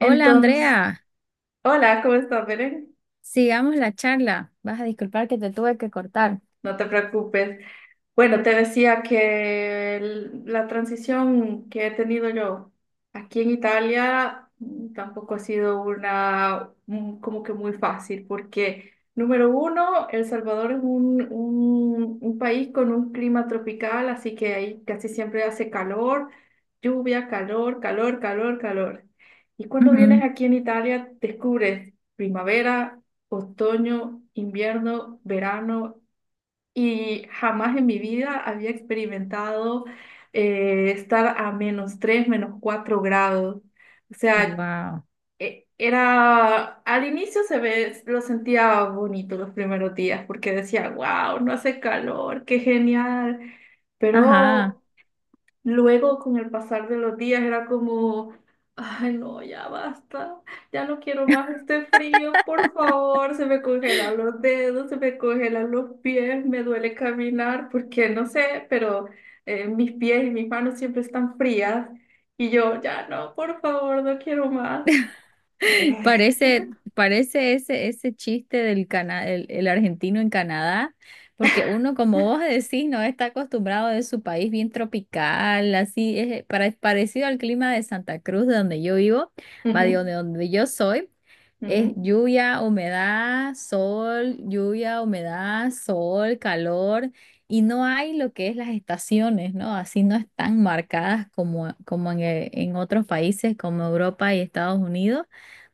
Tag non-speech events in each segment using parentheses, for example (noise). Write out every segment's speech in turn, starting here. Hola Entonces, Andrea, hola, ¿cómo estás, Belén? sigamos la charla. Vas a disculpar que te tuve que cortar. No te preocupes. Bueno, te decía que la transición que he tenido yo aquí en Italia tampoco ha sido una como que muy fácil, porque número uno, El Salvador es un país con un clima tropical, así que ahí casi siempre hace calor, lluvia, calor, calor, calor, calor. Y cuando vienes aquí en Italia, descubres primavera, otoño, invierno, verano y jamás en mi vida había experimentado estar a menos 3 menos 4 grados. O sea, Wow. Era, al inicio se ve, lo sentía bonito los primeros días porque decía, wow, no hace calor, qué genial. Ajá. Pero luego, con el pasar de los días, era como, ay, no, ya basta, ya no quiero más este frío, por favor, se me congelan los dedos, se me congelan los pies, me duele caminar, porque no sé, pero mis pies y mis manos siempre están frías y yo, ya no, por favor, no quiero más. (laughs) Eh, Parece ese chiste del el argentino en Canadá, porque uno, como vos decís, no está acostumbrado de su país bien tropical, así es parecido al clima de Santa Cruz, de donde yo vivo, (laughs) va de ujú, donde yo soy. Es ujú. Lluvia, humedad, sol, calor, y no hay lo que es las estaciones, ¿no? Así no están marcadas como en otros países como Europa y Estados Unidos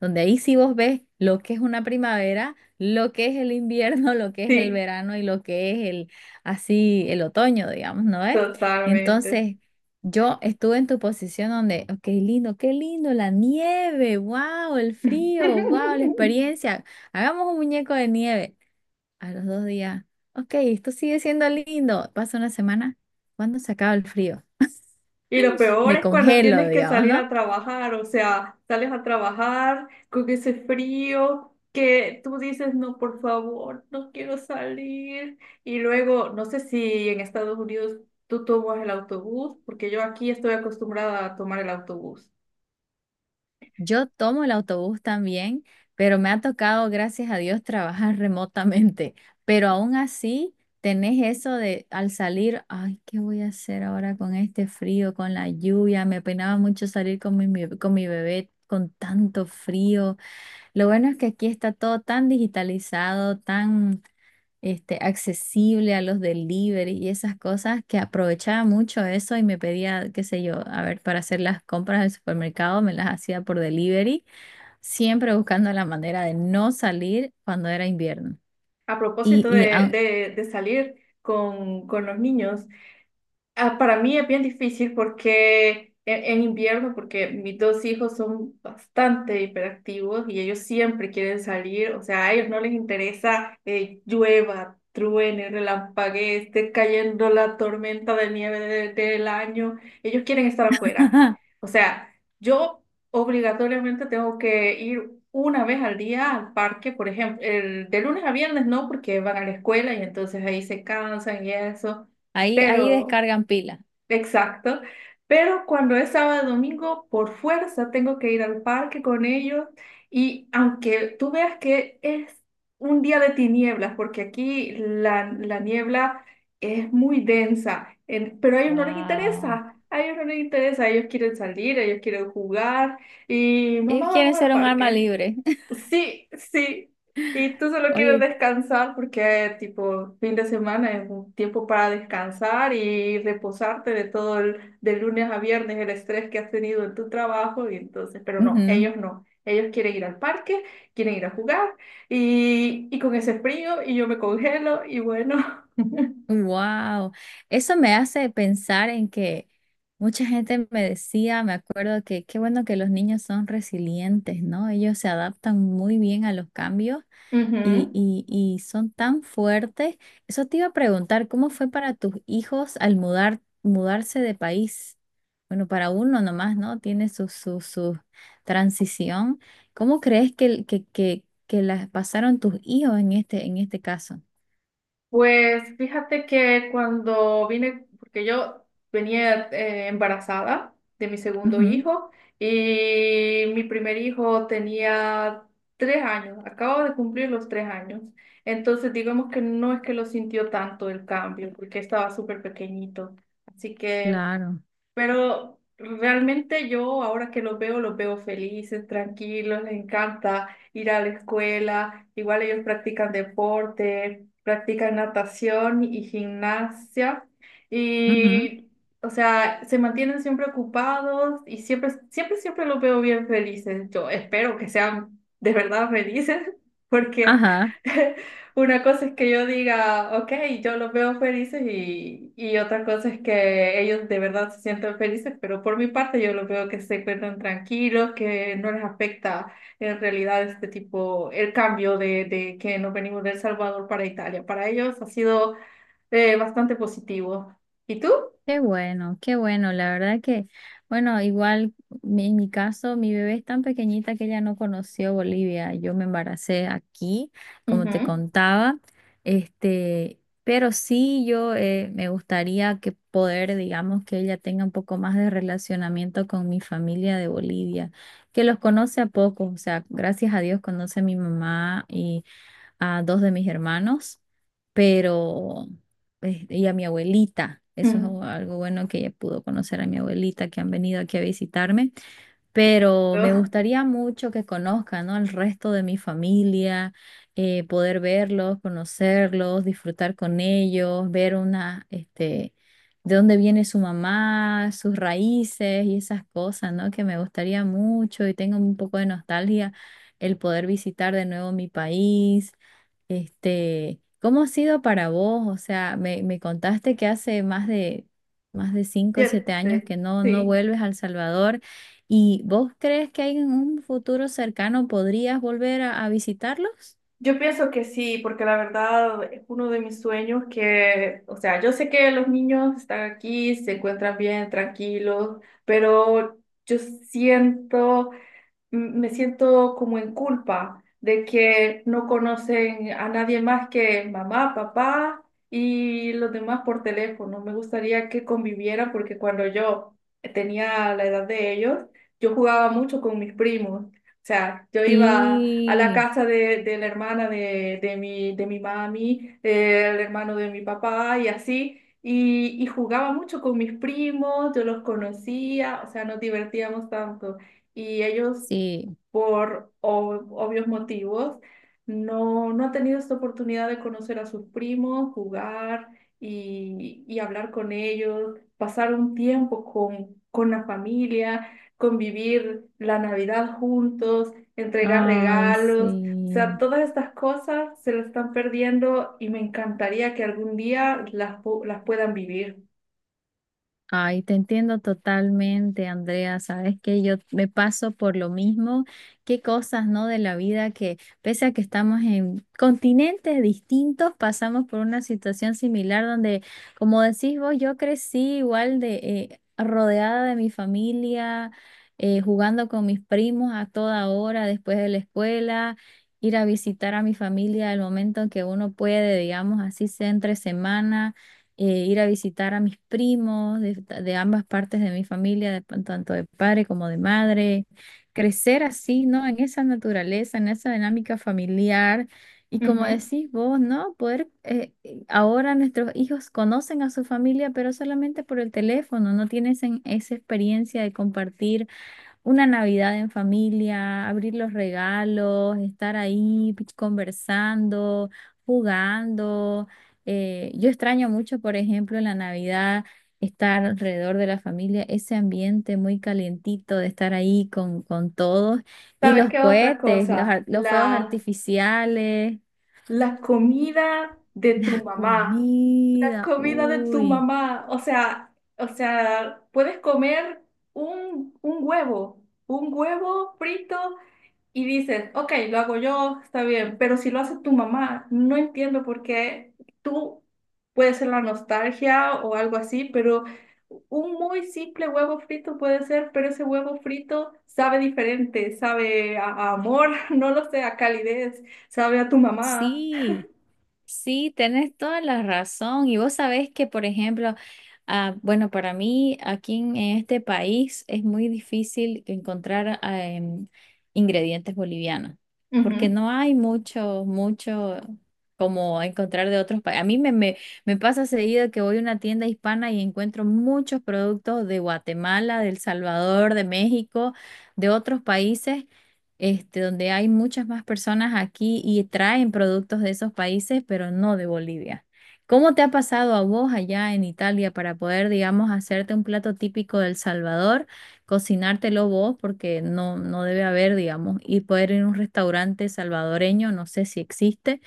donde ahí sí vos ves lo que es una primavera, lo que es el invierno, (laughs) lo que es el Sí, verano y lo que es el así el otoño, digamos, ¿no es? totalmente. Entonces, yo estuve en tu posición donde, oh, qué lindo la nieve, wow, el frío, wow, la (laughs) experiencia. Hagamos un muñeco de nieve. A los 2 días, ok, esto sigue siendo lindo. Pasa una semana, ¿cuándo se acaba el frío? Y lo peor Me es cuando congelo, tienes que digamos, salir a ¿no? trabajar, o sea, sales a trabajar con ese frío que tú dices, no, por favor, no quiero salir. Y luego, no sé si en Estados Unidos tú tomas el autobús, porque yo aquí estoy acostumbrada a tomar el autobús. Yo tomo el autobús también, pero me ha tocado, gracias a Dios, trabajar (laughs) remotamente. Pero aún así, tenés eso de al salir, ay, ¿qué voy a hacer ahora con este frío, con la lluvia? Me penaba mucho salir con con mi bebé con tanto frío. Lo bueno es que aquí está todo tan digitalizado, tan accesible a los delivery y esas cosas, que aprovechaba mucho eso y me pedía, qué sé yo, a ver, para hacer las compras del supermercado, me las hacía por delivery, siempre buscando la manera de no salir cuando era invierno. A Y, propósito y de, aun- de, de salir con los niños. Ah, para mí es bien difícil porque en invierno, porque mis dos hijos son bastante hiperactivos y ellos siempre quieren salir, o sea, a ellos no les interesa llueva, truene, relampaguee, esté cayendo la tormenta de nieve del año, ellos quieren estar afuera. (laughs) O sea, yo obligatoriamente tengo que ir una vez al día al parque, por ejemplo, el, de lunes a viernes no, porque van a la escuela y entonces ahí se cansan y eso. ahí Pero descargan pila. exacto. Pero cuando es sábado domingo, por fuerza tengo que ir al parque con ellos. Y aunque tú veas que es un día de tinieblas, porque aquí la niebla es muy densa, pero a ellos no les Wow. interesa. A ellos no les interesa. Ellos quieren salir, ellos quieren jugar. Y Ellos mamá, quieren vamos al ser un arma parque. libre. (laughs) Sí, sí. Y tú solo quieres Oye, descansar porque, tipo, fin de semana es un tiempo para descansar y reposarte de todo el, de lunes a viernes, el estrés que has tenido en tu trabajo. Y entonces, pero no, ujú. ellos no. Ellos quieren ir al parque, quieren ir a jugar y con ese frío y yo me congelo y bueno. Wow, eso me hace pensar en que mucha gente me decía, me acuerdo que qué bueno que los niños son resilientes, ¿no? Ellos se adaptan muy bien a los cambios (laughs) y, ujú. y, y son tan fuertes. Eso te iba a preguntar, ¿cómo fue para tus hijos al mudarse de país? Bueno, para uno nomás, ¿no? Tiene su transición. ¿Cómo crees que las pasaron tus hijos en este caso? Pues fíjate que cuando vine, porque yo venía embarazada de mi segundo Ujú, hijo y mi primer hijo tenía 3 años, acabo de cumplir los 3 años. Entonces digamos que no es que lo sintió tanto el cambio, porque estaba súper pequeñito. Así que claro. pero realmente yo ahora que los veo felices, tranquilos, les encanta ir a la escuela. Igual ellos practican deporte, practican natación y gimnasia. Ujú. Y, o sea, se mantienen siempre ocupados y siempre, siempre, siempre los veo bien felices. Yo espero que sean de verdad felices (laughs) porque Ajá, (laughs) una cosa es que yo diga, ok, yo los veo felices y otra cosa es que ellos de verdad se sientan felices, pero por mi parte yo los veo que se encuentran tranquilos, que no les afecta en realidad este tipo, el cambio de que nos venimos de El Salvador para Italia. Para ellos ha sido bastante positivo. ¿Y tú? qué bueno, qué bueno. La verdad que, bueno, igual en mi caso, mi bebé es tan pequeñita que ella no conoció Bolivia. Yo me embaracé aquí, como te Ujú, contaba. Este, pero sí, yo me gustaría que poder, digamos, que ella tenga un poco más de relacionamiento con mi familia de Bolivia, que los conoce a poco. O sea, gracias a Dios conoce a mi mamá a dos de mis hermanos, pero y a mi abuelita. Eso es ujú. algo bueno que ella pudo conocer a mi abuelita que han venido aquí a visitarme, pero me Yo- gustaría mucho que conozcan, ¿no? al resto de mi familia, poder verlos, conocerlos, disfrutar con ellos, ver de dónde viene su mamá, sus raíces y esas cosas, ¿no? Que me gustaría mucho y tengo un poco de nostalgia el poder visitar de nuevo mi país. ¿Cómo ha sido para vos? O sea, me contaste que hace más de 5 o 7 años siete, que no sí. vuelves a El Salvador. ¿Y vos crees que hay en un futuro cercano podrías volver a visitarlos? Yo pienso que sí, porque la verdad es uno de mis sueños que, o sea, yo sé que los niños están aquí, se encuentran bien, tranquilos, pero yo siento me siento como en culpa de que no conocen a nadie más que mamá, papá y los demás por teléfono. Me gustaría que convivieran porque cuando yo tenía la edad de ellos, yo jugaba mucho con mis primos. O sea, yo iba a la Sí, casa de la hermana de mi mami, del hermano de mi papá y así. Y jugaba mucho con mis primos, yo los conocía, o sea, nos divertíamos tanto y ellos sí. por obvios motivos, no ha tenido esta oportunidad de conocer a sus primos, jugar y hablar con ellos, pasar un tiempo con la familia, convivir la Navidad juntos, entregar Ay, regalos. O sea, sí. todas estas cosas se las están perdiendo y me encantaría que algún día las, las puedan vivir. Ay, te entiendo totalmente, Andrea. Sabes que yo me paso por lo mismo. Qué cosas, ¿no? De la vida que, pese a que estamos en continentes distintos, pasamos por una situación similar donde, como decís vos, yo crecí igual de rodeada de mi familia, jugando con mis primos a toda hora después de la escuela. Ir a visitar a mi familia al momento en que uno puede, digamos así, sea entre semana ir a visitar a mis primos de ambas partes de mi familia, de tanto de padre como de madre, crecer así, ¿no? En esa naturaleza, en esa dinámica familiar. Y como Ujú. decís vos, ¿no? Poder, ahora nuestros hijos conocen a su familia, pero solamente por el teléfono, no tienen esa experiencia de compartir una Navidad en familia, abrir los regalos, estar ahí conversando, jugando. Yo extraño mucho, por ejemplo, en la Navidad, estar alrededor de la familia, ese ambiente muy calientito de estar ahí con todos. Y ¿Sabes los qué otra cohetes, los, cosa? ar- los fuegos La, artificiales, la comida de (laughs) tu la mamá. La comida, comida de tu uy. mamá, o sea, puedes comer un, un huevo, un huevo frito y dices, ok, lo hago yo, está bien, pero si lo hace tu mamá, no entiendo por qué tú puede ser la nostalgia o algo así, pero un muy simple huevo frito puede ser, pero ese huevo frito sabe diferente, sabe a amor, (laughs) no lo sé, a calidez, sabe a tu mamá. Sí, sí, tenés toda la razón. Y vos sabés que, por ejemplo, ah, bueno, para mí aquí en este país es muy difícil encontrar ingredientes bolivianos, porque Ujú. no hay mucho, mucho como encontrar de otros países. A mí me pasa seguido que voy a una tienda hispana y encuentro muchos productos de Guatemala, de El Salvador, de México, de otros países, donde hay muchas más personas aquí y traen productos de esos países, pero no de Bolivia. ¿Cómo te ha pasado a vos allá en Italia para poder, digamos, hacerte un plato típico del Salvador, cocinártelo vos, porque no debe haber, digamos, y poder ir a un restaurante salvadoreño, no sé si existe?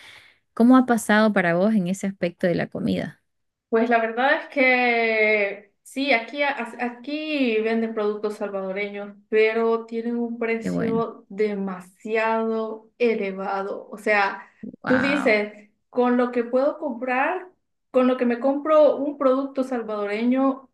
¿Cómo ha pasado para vos en ese aspecto de la comida? Pues la verdad es que sí, aquí, aquí venden productos salvadoreños, pero tienen un Qué bueno. precio demasiado elevado. O sea, tú Wow, dices, con lo que puedo comprar, con lo que me compro un producto salvadoreño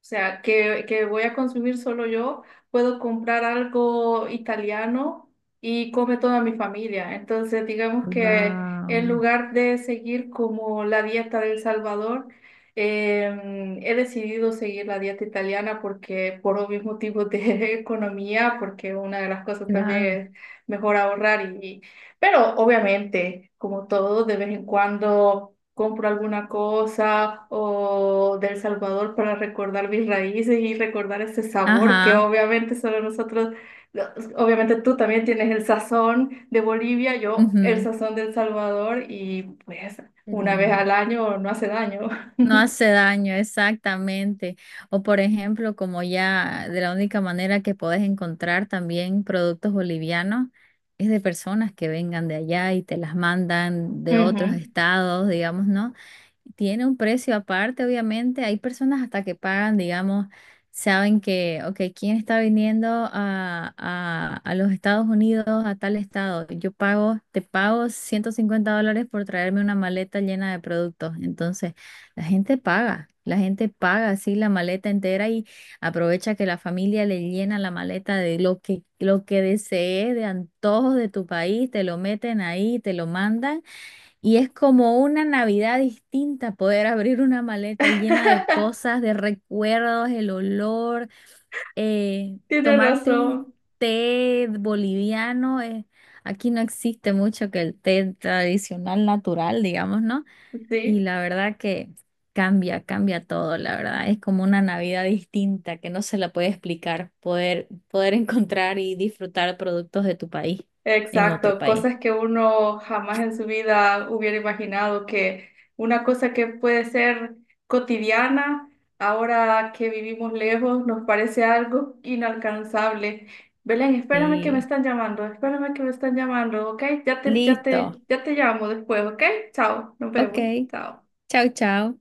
o sea, que voy a consumir solo yo, puedo comprar algo italiano y come toda mi familia. Entonces, digamos que en wow, lugar de seguir como la dieta del Salvador, he decidido seguir la dieta italiana porque por obvios motivos de (laughs) economía, porque una de las cosas también claro. es mejor ahorrar pero obviamente, como todo, de vez en cuando compro alguna cosa o del Salvador para recordar mis raíces y recordar ese sabor que Ajá, obviamente solo nosotros, lo- obviamente tú también tienes el sazón de Bolivia, yo el ujú. sazón del Salvador y pues Qué una vez lindo. al año no hace daño. No (laughs) hace daño, exactamente. O por ejemplo, como ya de la única manera que podés encontrar también productos bolivianos es de personas que vengan de allá y te las mandan de otros Ujú, estados, digamos, ¿no? Tiene un precio aparte, obviamente. Hay personas hasta que pagan, digamos, saben que, ok, ¿quién está viniendo a los Estados Unidos, a tal estado? Yo pago, te pago $150 por traerme una maleta llena de productos. Entonces, la gente paga así la maleta entera y aprovecha que la familia le llena la maleta de lo que desee, de antojos de tu país, te lo meten ahí, te lo mandan. Y es como una Navidad distinta poder abrir una maleta llena de cosas, de recuerdos, el olor, tienes tomarte un razón, té boliviano. Aquí no existe mucho que el té tradicional natural, digamos, ¿no? Y sí. la verdad que cambia, cambia todo, la verdad. Es como una Navidad distinta que no se la puede explicar, poder, (laughs) encontrar y disfrutar productos de tu país en otro Exacto, país. cosas que uno jamás en su vida hubiera imaginado que una cosa que puede ser cotidiana, ahora que vivimos lejos, nos parece algo inalcanzable. Belén, espérame que me Sí, están llamando, espérame que me están llamando, ¿ok? Listo. Ya te llamo después, ¿ok? Chao, nos Ok, vemos, chao. chao, chao.